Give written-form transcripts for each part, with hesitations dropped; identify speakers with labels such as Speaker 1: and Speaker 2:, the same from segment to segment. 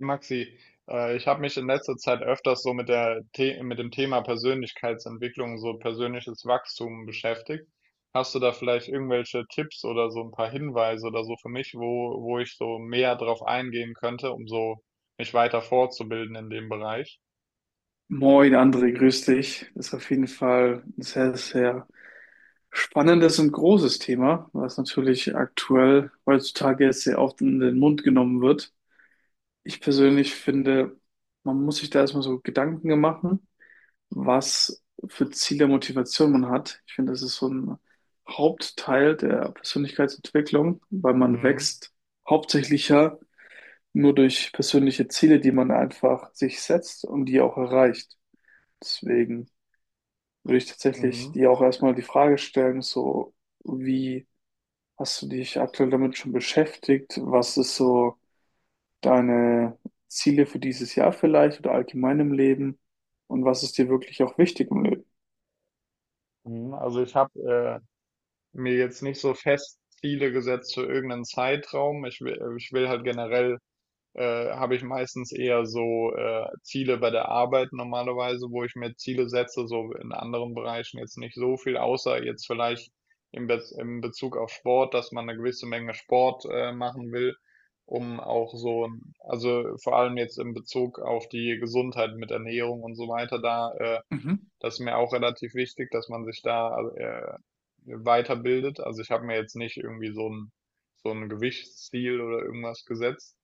Speaker 1: Maxi, ich habe mich in letzter Zeit öfters so mit der The mit dem Thema Persönlichkeitsentwicklung, so persönliches Wachstum beschäftigt. Hast du da vielleicht irgendwelche Tipps oder so ein paar Hinweise oder so für mich, wo ich so mehr drauf eingehen könnte, um so mich weiter fortzubilden in dem Bereich?
Speaker 2: Moin André, grüß dich. Das ist auf jeden Fall ein sehr, sehr spannendes und großes Thema, was natürlich aktuell heutzutage jetzt sehr oft in den Mund genommen wird. Ich persönlich finde, man muss sich da erstmal so Gedanken machen, was für Ziele, Motivation man hat. Ich finde, das ist so ein Hauptteil der Persönlichkeitsentwicklung, weil man
Speaker 1: Mhm.
Speaker 2: wächst hauptsächlich ja nur durch persönliche Ziele, die man einfach sich setzt und die auch erreicht. Deswegen würde ich tatsächlich
Speaker 1: Mhm.
Speaker 2: dir auch erstmal die Frage stellen, so wie hast du dich aktuell damit schon beschäftigt? Was ist so deine Ziele für dieses Jahr vielleicht oder allgemein im Leben? Und was ist dir wirklich auch wichtig im Leben?
Speaker 1: Mhm. Also ich habe mir jetzt nicht so fest Ziele gesetzt für irgendeinen Zeitraum. Ich will halt generell habe ich meistens eher so Ziele bei der Arbeit normalerweise, wo ich mir Ziele setze, so in anderen Bereichen jetzt nicht so viel, außer jetzt vielleicht im Bezug auf Sport, dass man eine gewisse Menge Sport machen will, um auch so, ein- also vor allem jetzt im Bezug auf die Gesundheit mit Ernährung und so weiter, da
Speaker 2: Mhm.
Speaker 1: das ist mir auch relativ wichtig, dass man sich da also, weiterbildet. Also ich habe mir jetzt nicht irgendwie so ein Gewichtsziel oder irgendwas gesetzt,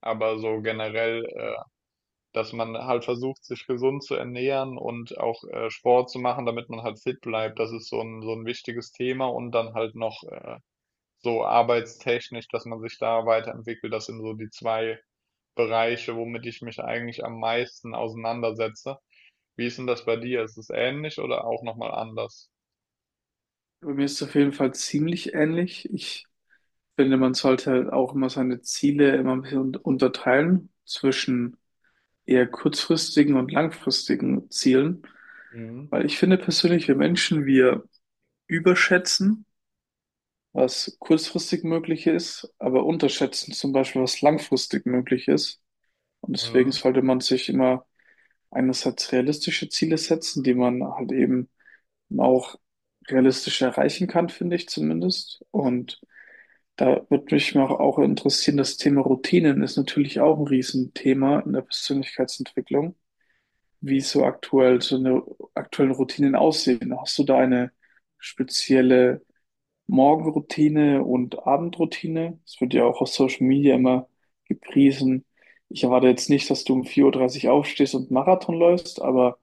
Speaker 1: aber so generell, dass man halt versucht, sich gesund zu ernähren und auch Sport zu machen, damit man halt fit bleibt. Das ist so ein wichtiges Thema und dann halt noch so arbeitstechnisch, dass man sich da weiterentwickelt. Das sind so die 2 Bereiche, womit ich mich eigentlich am meisten auseinandersetze. Wie ist denn das bei dir? Ist es ähnlich oder auch noch mal anders?
Speaker 2: Bei mir ist es auf jeden Fall ziemlich ähnlich. Ich finde, man sollte halt auch immer seine Ziele immer ein bisschen unterteilen zwischen eher kurzfristigen und langfristigen Zielen,
Speaker 1: Mhm.
Speaker 2: weil ich finde persönlich, wir Menschen, wir überschätzen, was kurzfristig möglich ist, aber unterschätzen zum Beispiel, was langfristig möglich ist. Und deswegen
Speaker 1: Mhm.
Speaker 2: sollte man sich immer einerseits realistische Ziele setzen, die man halt eben auch realistisch erreichen kann, finde ich zumindest. Und da würde mich mal auch interessieren, das Thema Routinen ist natürlich auch ein Riesenthema in der Persönlichkeitsentwicklung. Wie so aktuell so eine aktuellen Routinen aussehen. Hast du da eine spezielle Morgenroutine und Abendroutine? Das wird ja auch auf Social Media immer gepriesen. Ich erwarte jetzt nicht, dass du um 4:30 Uhr aufstehst und Marathon läufst, aber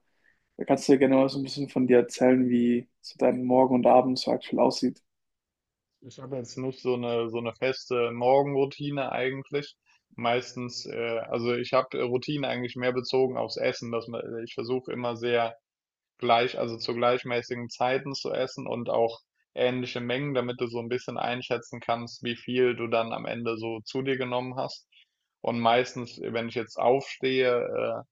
Speaker 2: da kannst du ja gerne mal so ein bisschen von dir erzählen, wie so dein Morgen und Abend so aktuell aussieht.
Speaker 1: Ich habe jetzt nicht so eine feste Morgenroutine eigentlich. Meistens, also ich habe Routine eigentlich mehr bezogen aufs Essen, ich versuche immer sehr gleich, also zu gleichmäßigen Zeiten zu essen und auch ähnliche Mengen, damit du so ein bisschen einschätzen kannst, wie viel du dann am Ende so zu dir genommen hast. Und meistens, wenn ich jetzt aufstehe,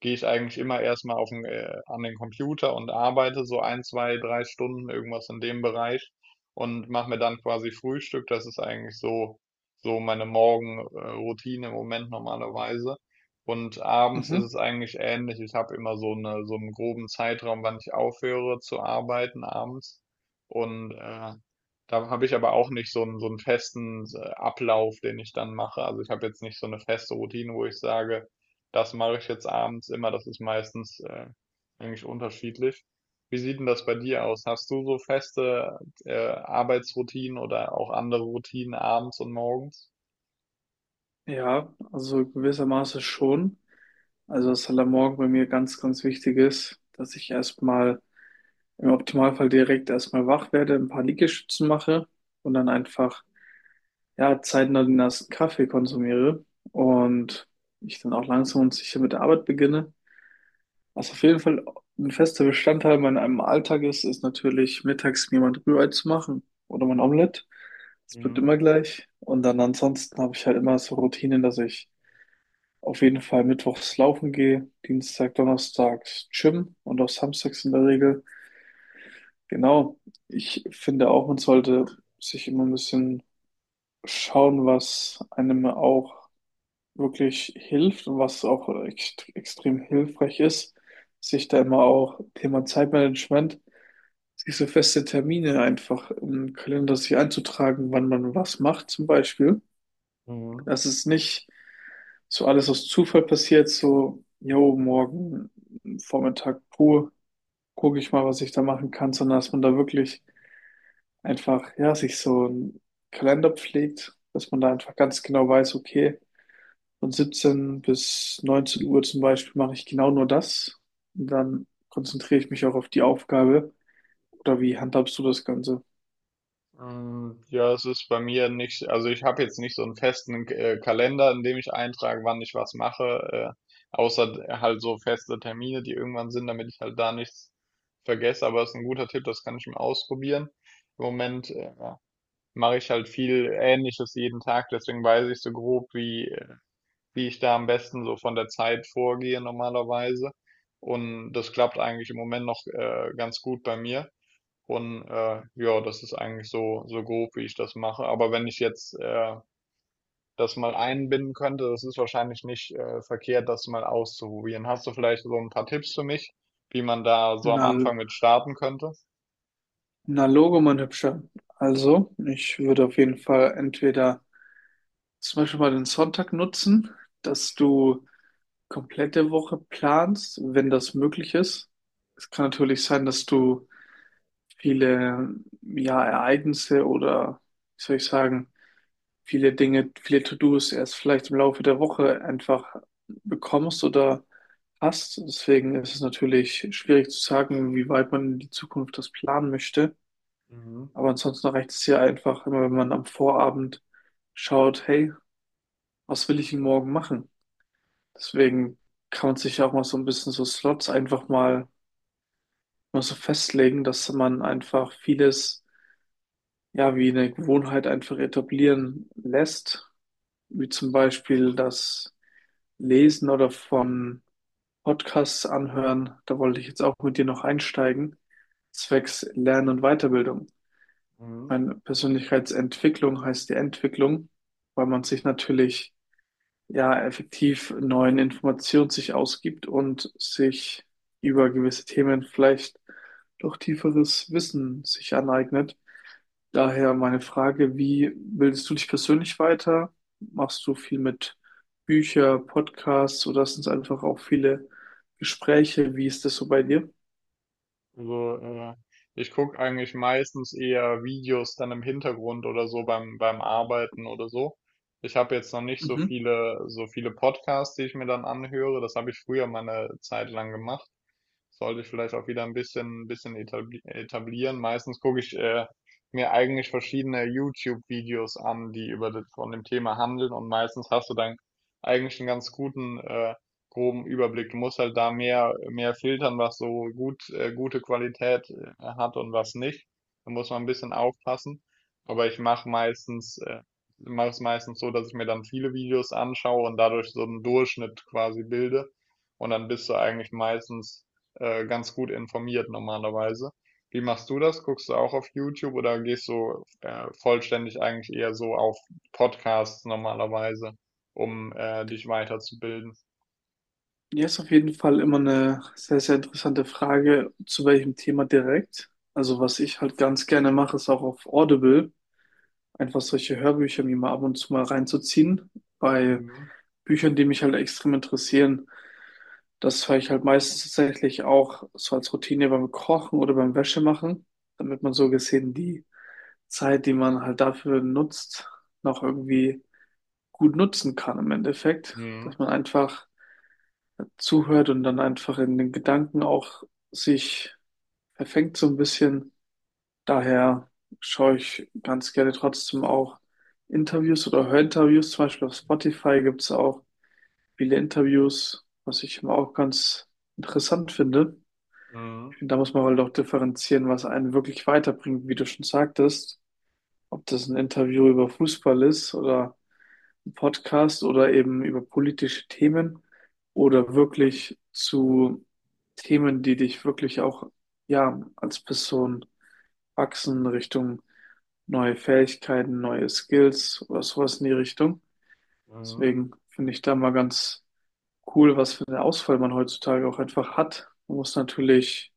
Speaker 1: gehe ich eigentlich immer erstmal an den Computer und arbeite so ein, 2, 3 Stunden, irgendwas in dem Bereich und mache mir dann quasi Frühstück. Das ist eigentlich so meine Morgenroutine im Moment normalerweise. Und abends ist
Speaker 2: Mhm.
Speaker 1: es eigentlich ähnlich. Ich habe immer so 'n groben Zeitraum, wann ich aufhöre zu arbeiten abends. Und, da habe ich aber auch nicht so einen festen s Ablauf, den ich dann mache. Also, ich habe jetzt nicht so eine feste Routine, wo ich sage: Das mache ich jetzt abends immer, das ist meistens, eigentlich unterschiedlich. Wie sieht denn das bei dir aus? Hast du so feste, Arbeitsroutinen oder auch andere Routinen abends und morgens?
Speaker 2: Ja, also gewissermaßen schon. Also was halt am Morgen bei mir ganz, ganz wichtig ist, dass ich erstmal im Optimalfall direkt erstmal wach werde, ein paar Liegestützen mache und dann einfach ja, zeitnah den ersten Kaffee konsumiere und ich dann auch langsam und sicher mit der Arbeit beginne. Was auf jeden Fall ein fester Bestandteil in meinem Alltag ist, ist natürlich mittags mir mal ein Rührei zu machen oder mein Omelett. Das bleibt
Speaker 1: Mhm.
Speaker 2: immer gleich. Und dann ansonsten habe ich halt immer so Routinen, dass ich auf jeden Fall mittwochs laufen gehe, Dienstag, Donnerstags Gym und auch samstags in der Regel. Genau. Ich finde auch, man sollte sich immer ein bisschen schauen, was einem auch wirklich hilft und was auch extrem hilfreich ist, sich da immer auch Thema Zeitmanagement, sich so feste Termine einfach im Kalender sich einzutragen, wann man was macht zum Beispiel.
Speaker 1: Mhm.
Speaker 2: Dass es nicht so alles aus Zufall passiert, so, jo, morgen Vormittag pur, gucke ich mal, was ich da machen kann, sondern dass man da wirklich einfach, ja, sich so einen Kalender pflegt, dass man da einfach ganz genau weiß, okay, von 17 bis 19 Uhr zum Beispiel mache ich genau nur das. Und dann konzentriere ich mich auch auf die Aufgabe. Oder wie handhabst du das Ganze?
Speaker 1: Mm, ja, es ist bei mir nicht, also ich habe jetzt nicht so einen festen Kalender, in dem ich eintrage, wann ich was mache, außer d- halt so feste Termine, die irgendwann sind, damit ich halt da nichts vergesse. Aber es ist ein guter Tipp, das kann ich mir ausprobieren. Im Moment mache ich halt viel Ähnliches jeden Tag, deswegen weiß ich so grob, wie ich da am besten so von der Zeit vorgehe normalerweise. Und das klappt eigentlich im Moment noch ganz gut bei mir. Und ja, das ist eigentlich so, so grob, wie ich das mache. Aber wenn ich jetzt das mal einbinden könnte, das ist wahrscheinlich nicht verkehrt, das mal auszuprobieren. Hast du vielleicht so ein paar Tipps für mich, wie man da so am
Speaker 2: Na,
Speaker 1: Anfang mit starten könnte?
Speaker 2: na Logo, mein Hübscher. Also, ich würde auf jeden Fall entweder zum Beispiel mal den Sonntag nutzen, dass du komplette Woche planst, wenn das möglich ist. Es kann natürlich sein, dass du viele, ja, Ereignisse oder, wie soll ich sagen, viele Dinge, viele To-Dos erst vielleicht im Laufe der Woche einfach bekommst oder hast. Deswegen ist es natürlich schwierig zu sagen, wie weit man in die Zukunft das planen möchte.
Speaker 1: Mhm.
Speaker 2: Aber ansonsten reicht es ja einfach immer, wenn man am Vorabend schaut, hey, was will ich denn morgen machen? Deswegen kann man sich ja auch mal so ein bisschen so Slots einfach mal so festlegen, dass man einfach vieles, ja, wie eine Gewohnheit einfach etablieren lässt. Wie zum Beispiel, dass Lesen oder von Podcasts anhören. Da wollte ich jetzt auch mit dir noch einsteigen. Zwecks Lernen und Weiterbildung.
Speaker 1: Mhm.
Speaker 2: Meine Persönlichkeitsentwicklung heißt die Entwicklung, weil man sich natürlich ja effektiv neuen Informationen sich ausgibt und sich über gewisse Themen vielleicht doch tieferes Wissen sich aneignet. Daher meine Frage, wie bildest du dich persönlich weiter? Machst du viel mit Bücher, Podcasts oder sind es einfach auch viele Gespräche? Wie ist das so bei dir?
Speaker 1: Also, ich gucke eigentlich meistens eher Videos dann im Hintergrund oder so beim Arbeiten oder so. Ich habe jetzt noch nicht
Speaker 2: Mhm.
Speaker 1: so viele Podcasts, die ich mir dann anhöre. Das habe ich früher mal eine Zeit lang gemacht, sollte ich vielleicht auch wieder ein bisschen etablieren. Meistens gucke ich mir eigentlich verschiedene YouTube-Videos an, die über von dem Thema handeln und meistens hast du dann eigentlich einen ganz guten groben Überblick. Du musst halt da mehr filtern, was gute Qualität hat und was nicht. Da muss man ein bisschen aufpassen. Aber ich mache meistens, mache es meistens so, dass ich mir dann viele Videos anschaue und dadurch so einen Durchschnitt quasi bilde. Und dann bist du eigentlich meistens ganz gut informiert normalerweise. Wie machst du das? Guckst du auch auf YouTube oder gehst du vollständig eigentlich eher so auf Podcasts normalerweise, um dich weiterzubilden?
Speaker 2: Ja, ist auf jeden Fall immer eine sehr, sehr interessante Frage, zu welchem Thema direkt. Also was ich halt ganz gerne mache, ist auch auf Audible einfach solche Hörbücher mir mal ab und zu mal reinzuziehen bei
Speaker 1: Mhm.
Speaker 2: Büchern, die mich halt extrem interessieren. Das höre ich halt meistens tatsächlich auch so als Routine beim Kochen oder beim Wäschemachen, damit man so gesehen die Zeit, die man halt dafür nutzt, noch irgendwie gut nutzen kann im Endeffekt,
Speaker 1: Mhm.
Speaker 2: dass man einfach zuhört und dann einfach in den Gedanken auch sich verfängt so ein bisschen. Daher schaue ich ganz gerne trotzdem auch Interviews oder höre Interviews. Zum Beispiel auf Spotify gibt es auch viele Interviews, was ich immer auch ganz interessant finde.
Speaker 1: Mhm.
Speaker 2: Da muss man halt auch differenzieren, was einen wirklich weiterbringt, wie du schon sagtest. Ob das ein Interview über Fußball ist oder ein Podcast oder eben über politische Themen oder wirklich zu Themen, die dich wirklich auch, ja, als Person wachsen Richtung neue Fähigkeiten, neue Skills oder sowas in die Richtung.
Speaker 1: Mhm.
Speaker 2: Deswegen finde ich da mal ganz cool, was für eine Auswahl man heutzutage auch einfach hat. Man muss natürlich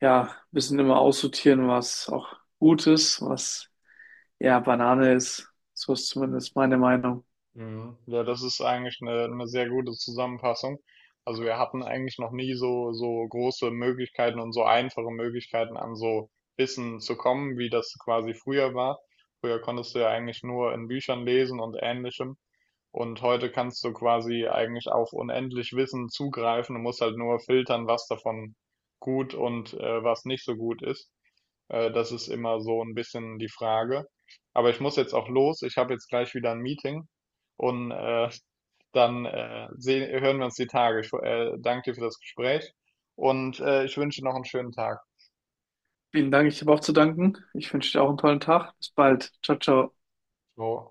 Speaker 2: ja, müssen immer aussortieren, was auch gut ist, was eher Banane ist. So ist zumindest meine Meinung.
Speaker 1: Mhm. Ja, das ist eigentlich eine sehr gute Zusammenfassung. Also wir hatten eigentlich noch nie so große Möglichkeiten und so einfache Möglichkeiten an so Wissen zu kommen, wie das quasi früher war. Früher konntest du ja eigentlich nur in Büchern lesen und ähnlichem. Und heute kannst du quasi eigentlich auf unendlich Wissen zugreifen. Du musst halt nur filtern, was davon gut und was nicht so gut ist. Das ist immer so ein bisschen die Frage. Aber ich muss jetzt auch los. Ich habe jetzt gleich wieder ein Meeting und dann hören wir uns die Tage. Ich danke dir für das Gespräch und ich wünsche dir noch einen schönen Tag.
Speaker 2: Vielen Dank, ich habe auch zu danken. Ich wünsche dir auch einen tollen Tag. Bis bald. Ciao, ciao.
Speaker 1: So.